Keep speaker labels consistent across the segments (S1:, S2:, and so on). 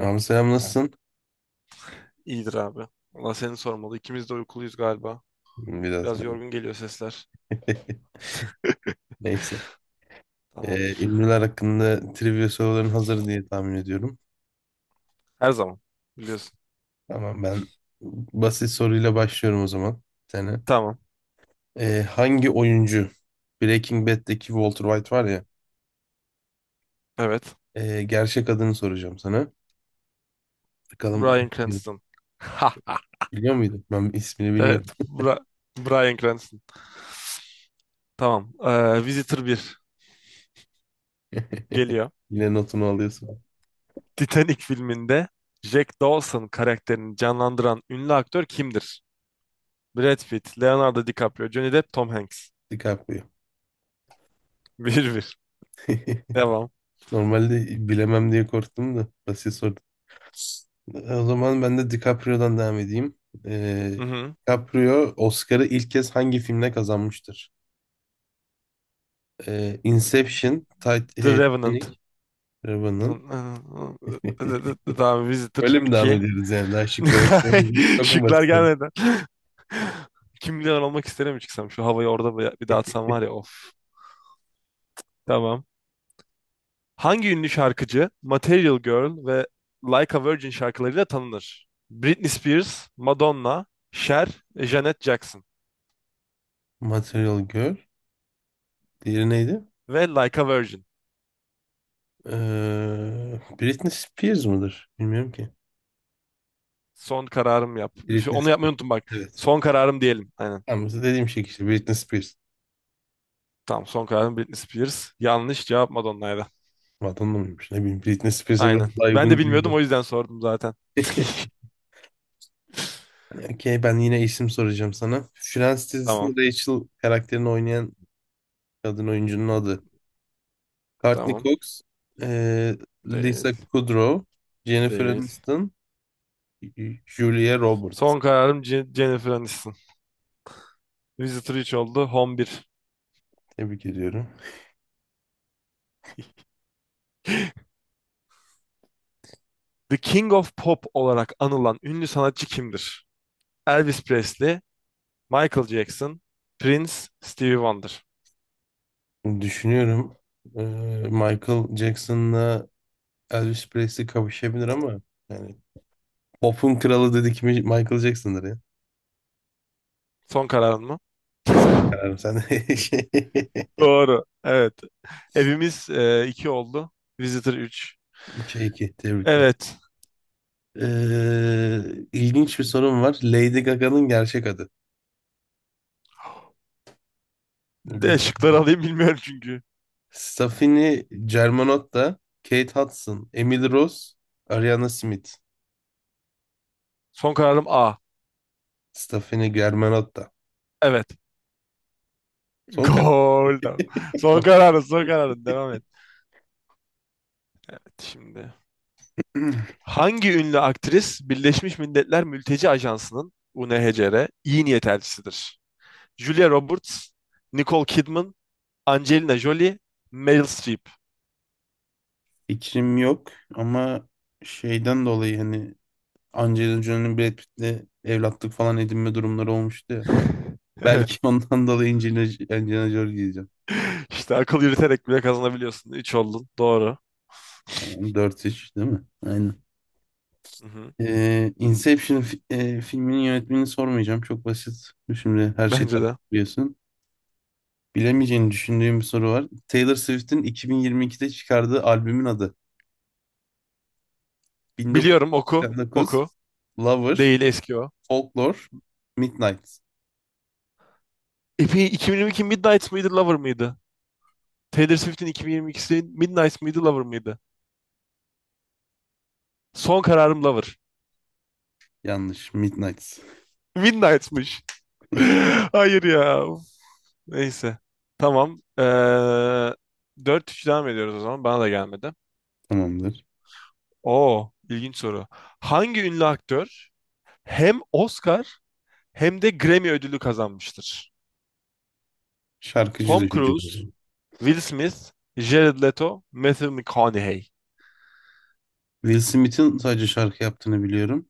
S1: Abi selam nasılsın?
S2: İyidir abi. Valla seni sormalı. İkimiz de uykuluyuz galiba.
S1: Hmm, biraz.
S2: Biraz yorgun geliyor sesler.
S1: Neyse.
S2: Tamamdır.
S1: Ünlüler hakkında trivia soruların hazır diye tahmin ediyorum.
S2: Her zaman. Biliyorsun.
S1: Tamam, ben basit soruyla başlıyorum o zaman. Sana.
S2: Tamam.
S1: Hangi oyuncu, Breaking Bad'deki Walter White var ya,
S2: Evet.
S1: gerçek adını soracağım sana. Bakalım
S2: Bryan Cranston.
S1: biliyor muydun? Ben ismini bilmiyorum.
S2: Evet. Bryan Cranston. Tamam. Visitor bir geliyor.
S1: Yine notunu alıyorsun.
S2: Titanic filminde Jack Dawson karakterini canlandıran ünlü aktör kimdir? Brad Pitt, Leonardo DiCaprio, Johnny Depp, Tom Hanks.
S1: DiCaprio.
S2: Bir bir. Devam.
S1: Normalde bilemem diye korktum da, basit soru. O zaman ben de DiCaprio'dan devam edeyim.
S2: Hı
S1: Ee,
S2: hı.
S1: DiCaprio Oscar'ı ilk kez hangi filmle kazanmıştır? Inception,
S2: The Revenant.
S1: Titanic, Revenant.
S2: Tamam. Visitor
S1: Öyle mi devam
S2: 2.
S1: ediyoruz yani? Daha şık da yok. Çok mu
S2: Şıklar
S1: basit oldu?
S2: gelmeden. Kim milyoner olmak isterim çıksam? Şu havayı orada bir bir dağıtsam var ya of. Tamam. Hangi ünlü şarkıcı Material Girl ve Like a Virgin şarkılarıyla tanınır? Britney Spears, Madonna, Cher, Janet Jackson
S1: Material Girl. Diğeri neydi?
S2: ve Like a Virgin.
S1: Britney Spears mıdır? Bilmiyorum ki.
S2: Son kararım yap.
S1: Britney
S2: Onu yapmayı
S1: Spears.
S2: unuttum bak.
S1: Evet.
S2: Son kararım diyelim. Aynen.
S1: Ama dediğim şey işte Britney Spears.
S2: Tamam son kararım Britney Spears. Yanlış cevap Madonna'ydı.
S1: Vatandaş mıymış? Ne bileyim, Britney Spears'e
S2: Aynen.
S1: biraz daha
S2: Ben de
S1: uygun
S2: bilmiyordum
S1: gibi.
S2: o yüzden sordum zaten.
S1: Okey, ben yine isim soracağım sana. Friends
S2: Tamam.
S1: dizisinde Rachel karakterini oynayan kadın oyuncunun adı. Courtney
S2: Tamam.
S1: Cox, eee,
S2: Değil.
S1: Lisa Kudrow, Jennifer
S2: Değil.
S1: Aniston, Julia Roberts.
S2: Son kararım Jennifer Aniston. Visitor 3 oldu. Home bir.
S1: Tebrik ediyorum.
S2: The King of Pop olarak anılan ünlü sanatçı kimdir? Elvis Presley, Michael Jackson, Prince, Stevie Wonder.
S1: Şimdi düşünüyorum, eee, Michael Jackson'la Elvis Presley kavuşabilir ama yani pop'un kralı dedik mi Michael Jackson'dır ya.
S2: Son kararın mı?
S1: Kararım sen de.
S2: Doğru. Evet. Evimiz 2 oldu. Visitor 3.
S1: 3-2, tebrikler.
S2: Evet.
S1: Ee, ilginç bir sorum var. Lady Gaga'nın gerçek adı. Bu
S2: De
S1: bir...
S2: şıkları alayım bilmiyorum çünkü.
S1: Stephanie Germanotta, Kate Hudson, Emily Rose, Ariana Smith.
S2: Son kararım A.
S1: Stephanie Germanotta.
S2: Evet.
S1: Son karar.
S2: Gol. Son kararın, son kararın. Devam et. Şimdi. Hangi ünlü aktris Birleşmiş Milletler Mülteci Ajansı'nın UNHCR iyi niyet elçisidir? Julia Roberts, Nicole Kidman, Angelina Jolie, Meryl Streep.
S1: Fikrim yok ama şeyden dolayı, hani Angelina Jolie'nin Brad Pitt'le evlatlık falan edinme durumları olmuştu ya. Belki
S2: Evet.
S1: ondan dolayı Angelina Jolie diyeceğim.
S2: İşte akıl yürüterek bile kazanabiliyorsun. Üç oldun. Doğru.
S1: Yani 4-3, değil mi? Aynen.
S2: Hı-hı.
S1: Inception filminin yönetmenini sormayacağım. Çok basit. Şimdi her şeyi
S2: Bence
S1: takip
S2: de.
S1: ediyorsun. Bilemeyeceğini düşündüğüm bir soru var. Taylor Swift'in 2022'de çıkardığı albümün adı.
S2: Biliyorum oku.
S1: 1989,
S2: Oku.
S1: Lover,
S2: Değil eski o.
S1: Folklore, Midnight.
S2: Epi 2022 Midnight mıydı Lover mıydı? Taylor Swift'in 2022'si Midnight mıydı Lover mıydı? Son kararım Lover.
S1: Yanlış. Midnight.
S2: Midnight'mış. Hayır ya. Neyse. Tamam. 4-3 devam ediyoruz o zaman. Bana da gelmedi.
S1: Tamamdır.
S2: Oo, ilginç soru. Hangi ünlü aktör hem Oscar hem de Grammy ödülü kazanmıştır?
S1: Şarkıcı
S2: Tom
S1: düşüneceğiz o
S2: Cruise,
S1: zaman.
S2: Will Smith, Jared Leto, Matthew McConaughey.
S1: Will Smith'in sadece şarkı yaptığını biliyorum.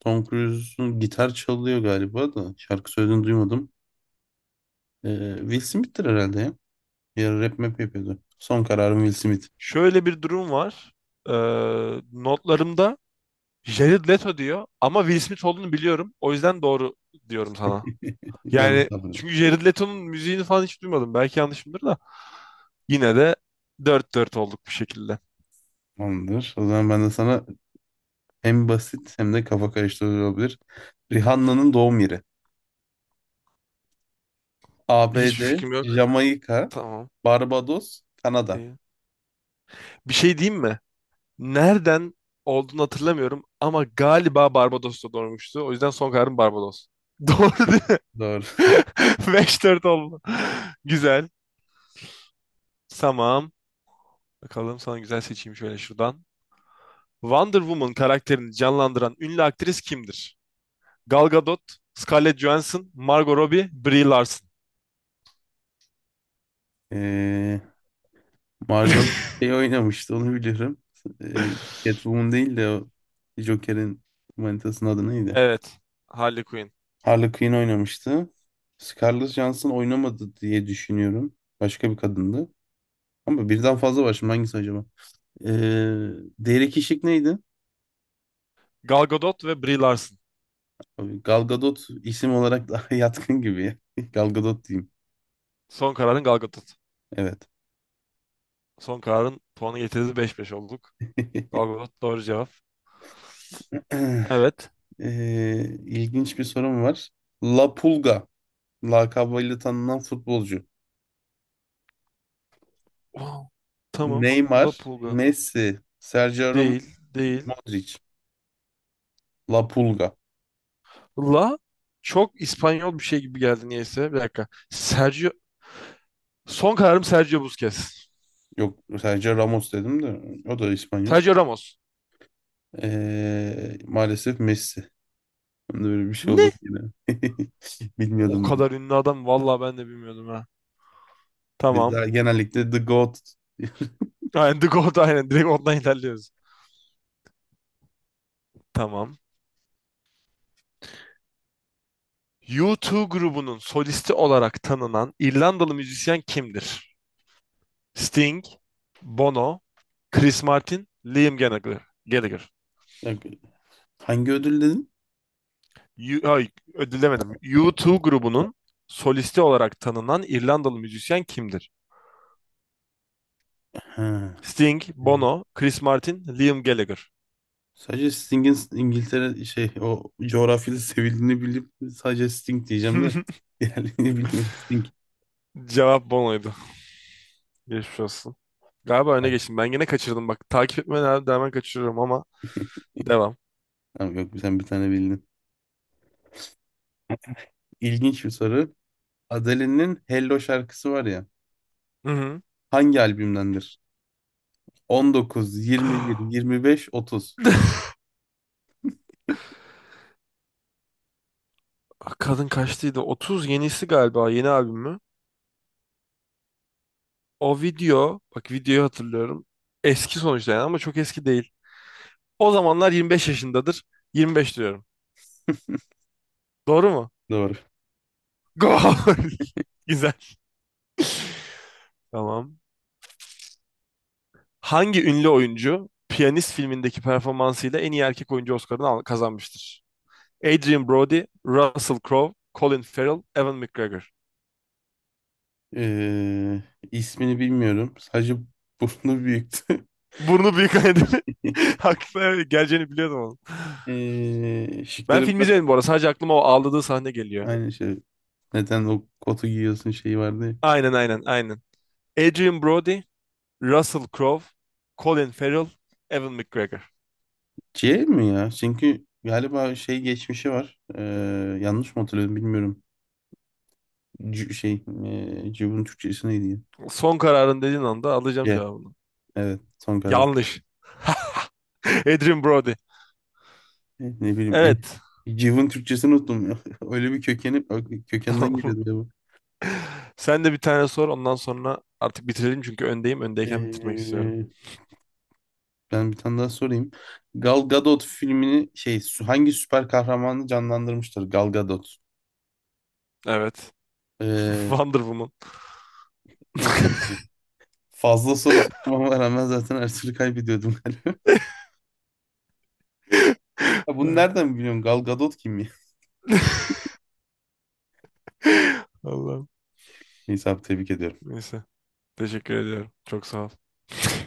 S1: Tom Cruise'un gitar çalıyor galiba da. Şarkı söylediğini duymadım. Will Smith'tir herhalde ya. Bir ara rap map yapıyordu. Son kararım Will Smith.
S2: Şöyle bir durum var. Ee, notlarımda Jared Leto diyor ama Will Smith olduğunu biliyorum. O yüzden doğru diyorum sana. Yani
S1: Yanlış hatırlıyorum.
S2: çünkü Jared Leto'nun müziğini falan hiç duymadım. Belki yanlışımdır da. Yine de dört dört olduk bir şekilde.
S1: Tamamdır. O zaman ben de sana, hem basit hem de kafa karıştırıcı olabilir. Rihanna'nın doğum yeri.
S2: Hiçbir
S1: ABD,
S2: fikrim yok.
S1: Jamaika,
S2: Tamam.
S1: Barbados, Kanada.
S2: Değil. Bir şey diyeyim mi? Nereden olduğunu hatırlamıyorum ama galiba Barbados'ta doğmuştu. O yüzden son kararım Barbados. Doğru değil mi?
S1: Doğru.
S2: 5-4 oldu. Güzel. Tamam. Bakalım sana güzel seçeyim şöyle şuradan. Wonder Woman karakterini canlandıran ünlü aktris kimdir? Gal Gadot, Scarlett Johansson, Margot Robbie, Brie Larson.
S1: Ee, Margot şey oynamıştı, onu biliyorum. Ee, Catwoman değil de o, Joker'in manitasının adı neydi?
S2: Evet. Harley Quinn.
S1: Harley Quinn oynamıştı. Scarlett Johansson oynamadı diye düşünüyorum. Başka bir kadındı. Ama birden fazla var, şimdi hangisi acaba? Ee, Derek Işık neydi?
S2: Gal Gadot ve Brie Larson.
S1: Tabii Gal Gadot isim olarak daha yatkın gibi ya. Gal Gadot diyeyim.
S2: Son kararın Gal Gadot.
S1: Evet.
S2: Son kararın puanı getirdi beş beş olduk. Gal Gadot doğru cevap. Evet.
S1: İlginç bir sorum var. La Pulga lakabıyla tanınan futbolcu.
S2: Wow. Tamam.
S1: Neymar,
S2: La Pulga.
S1: Messi, Sergio Ramos,
S2: Değil. Değil.
S1: Modric. La Pulga.
S2: La çok İspanyol bir şey gibi geldi niyeyse. Bir dakika. Sergio. Son kararım Sergio Busquets.
S1: Yok, Sergio Ramos dedim de, o da İspanyol.
S2: Sergio Ramos.
S1: Maalesef Messi. Ben de böyle bir şey oldu
S2: Ne?
S1: yine.
S2: O
S1: Bilmiyordum.
S2: kadar ünlü adam. Vallahi ben de bilmiyordum ha. Tamam.
S1: Bizler genellikle The Goat.
S2: Aynen The Goat aynen. Direkt ondan ilerliyoruz. Tamam. U2 grubunun solisti olarak tanınan İrlandalı müzisyen kimdir? Sting, Bono, Chris Martin, Liam Gallagher. Gallagher.
S1: Bak, hangi ödül dedin?
S2: U- ay, ödül U2 grubunun solisti olarak tanınan İrlandalı müzisyen kimdir?
S1: Ha.
S2: Sting,
S1: e,
S2: Bono, Chris Martin, Liam Gallagher.
S1: Sadece Sting'in İngiltere şey, o coğrafyada sevildiğini bilip sadece Sting diyeceğim de diğerlerini bilmiyorum. Sting.
S2: Cevap Bono'ydu. Geçmiş olsun. Galiba öne
S1: Ay.
S2: geçtim. Ben yine kaçırdım. Bak takip etmeye devam kaçırıyorum ama devam.
S1: Tamam, yok, sen bir tane bildin. İlginç bir soru. Adele'nin Hello şarkısı var ya.
S2: Hı
S1: Hangi albümdendir? 19,
S2: hı.
S1: 21, 25, 30.
S2: Ah, kadın kaçtıydı? 30 yenisi galiba yeni albüm mü? O video bak videoyu hatırlıyorum. Eski sonuçta yani ama çok eski değil. O zamanlar 25 yaşındadır. 25 diyorum. Doğru mu?
S1: Doğru.
S2: Gol! Güzel. Tamam. Hangi ünlü oyuncu Piyanist filmindeki performansıyla en iyi erkek oyuncu Oscar'ını kazanmıştır? Adrian Brody, Russell Crowe, Colin Farrell, Evan McGregor.
S1: Ee, ismini bilmiyorum. Sadece burnu büyüktü.
S2: Burnu büyük nedeni. Haklı. Evet, geleceğini biliyordum oğlum. Ben
S1: Şıkları
S2: filmi
S1: biraz
S2: izlemedim bu arada. Sadece aklıma o ağladığı sahne geliyor.
S1: aynı şey. Neden o kotu giyiyorsun şeyi vardı ya.
S2: Aynen aynen aynen. Adrian Brody, Russell Crowe, Colin Farrell, Evan McGregor.
S1: C mi ya? Çünkü galiba şey geçmişi var. Yanlış mı hatırlıyorum bilmiyorum. C şey, Cıv'ın Türkçesi neydi ya?
S2: Son kararın dediğin anda alacağım
S1: C.
S2: cevabını.
S1: Evet, son karar.
S2: Yanlış. Adrian Brody.
S1: Ne bileyim. En...
S2: Evet.
S1: Cıv'ın Türkçesini unuttum ya. Öyle bir kökenden geliyordu ya bu.
S2: Sen de bir tane sor ondan sonra artık bitirelim çünkü öndeyim. Öndeyken bitirmek istiyorum.
S1: Ee, Ben bir tane daha sorayım. Gal Gadot filmini şey hangi süper kahramanı canlandırmıştır Gal Gadot?
S2: Evet.
S1: Ee,
S2: Wonder Woman.
S1: Neyse tamam. Fazla soru sormama rağmen zaten her türlü kaybediyordum galiba. Ya bunu
S2: Evet.
S1: nereden biliyorsun? Gal Gadot kim ya?
S2: Allah'ım.
S1: Neyse abi, tebrik ediyorum.
S2: Neyse. Teşekkür ediyorum. Çok sağ ol.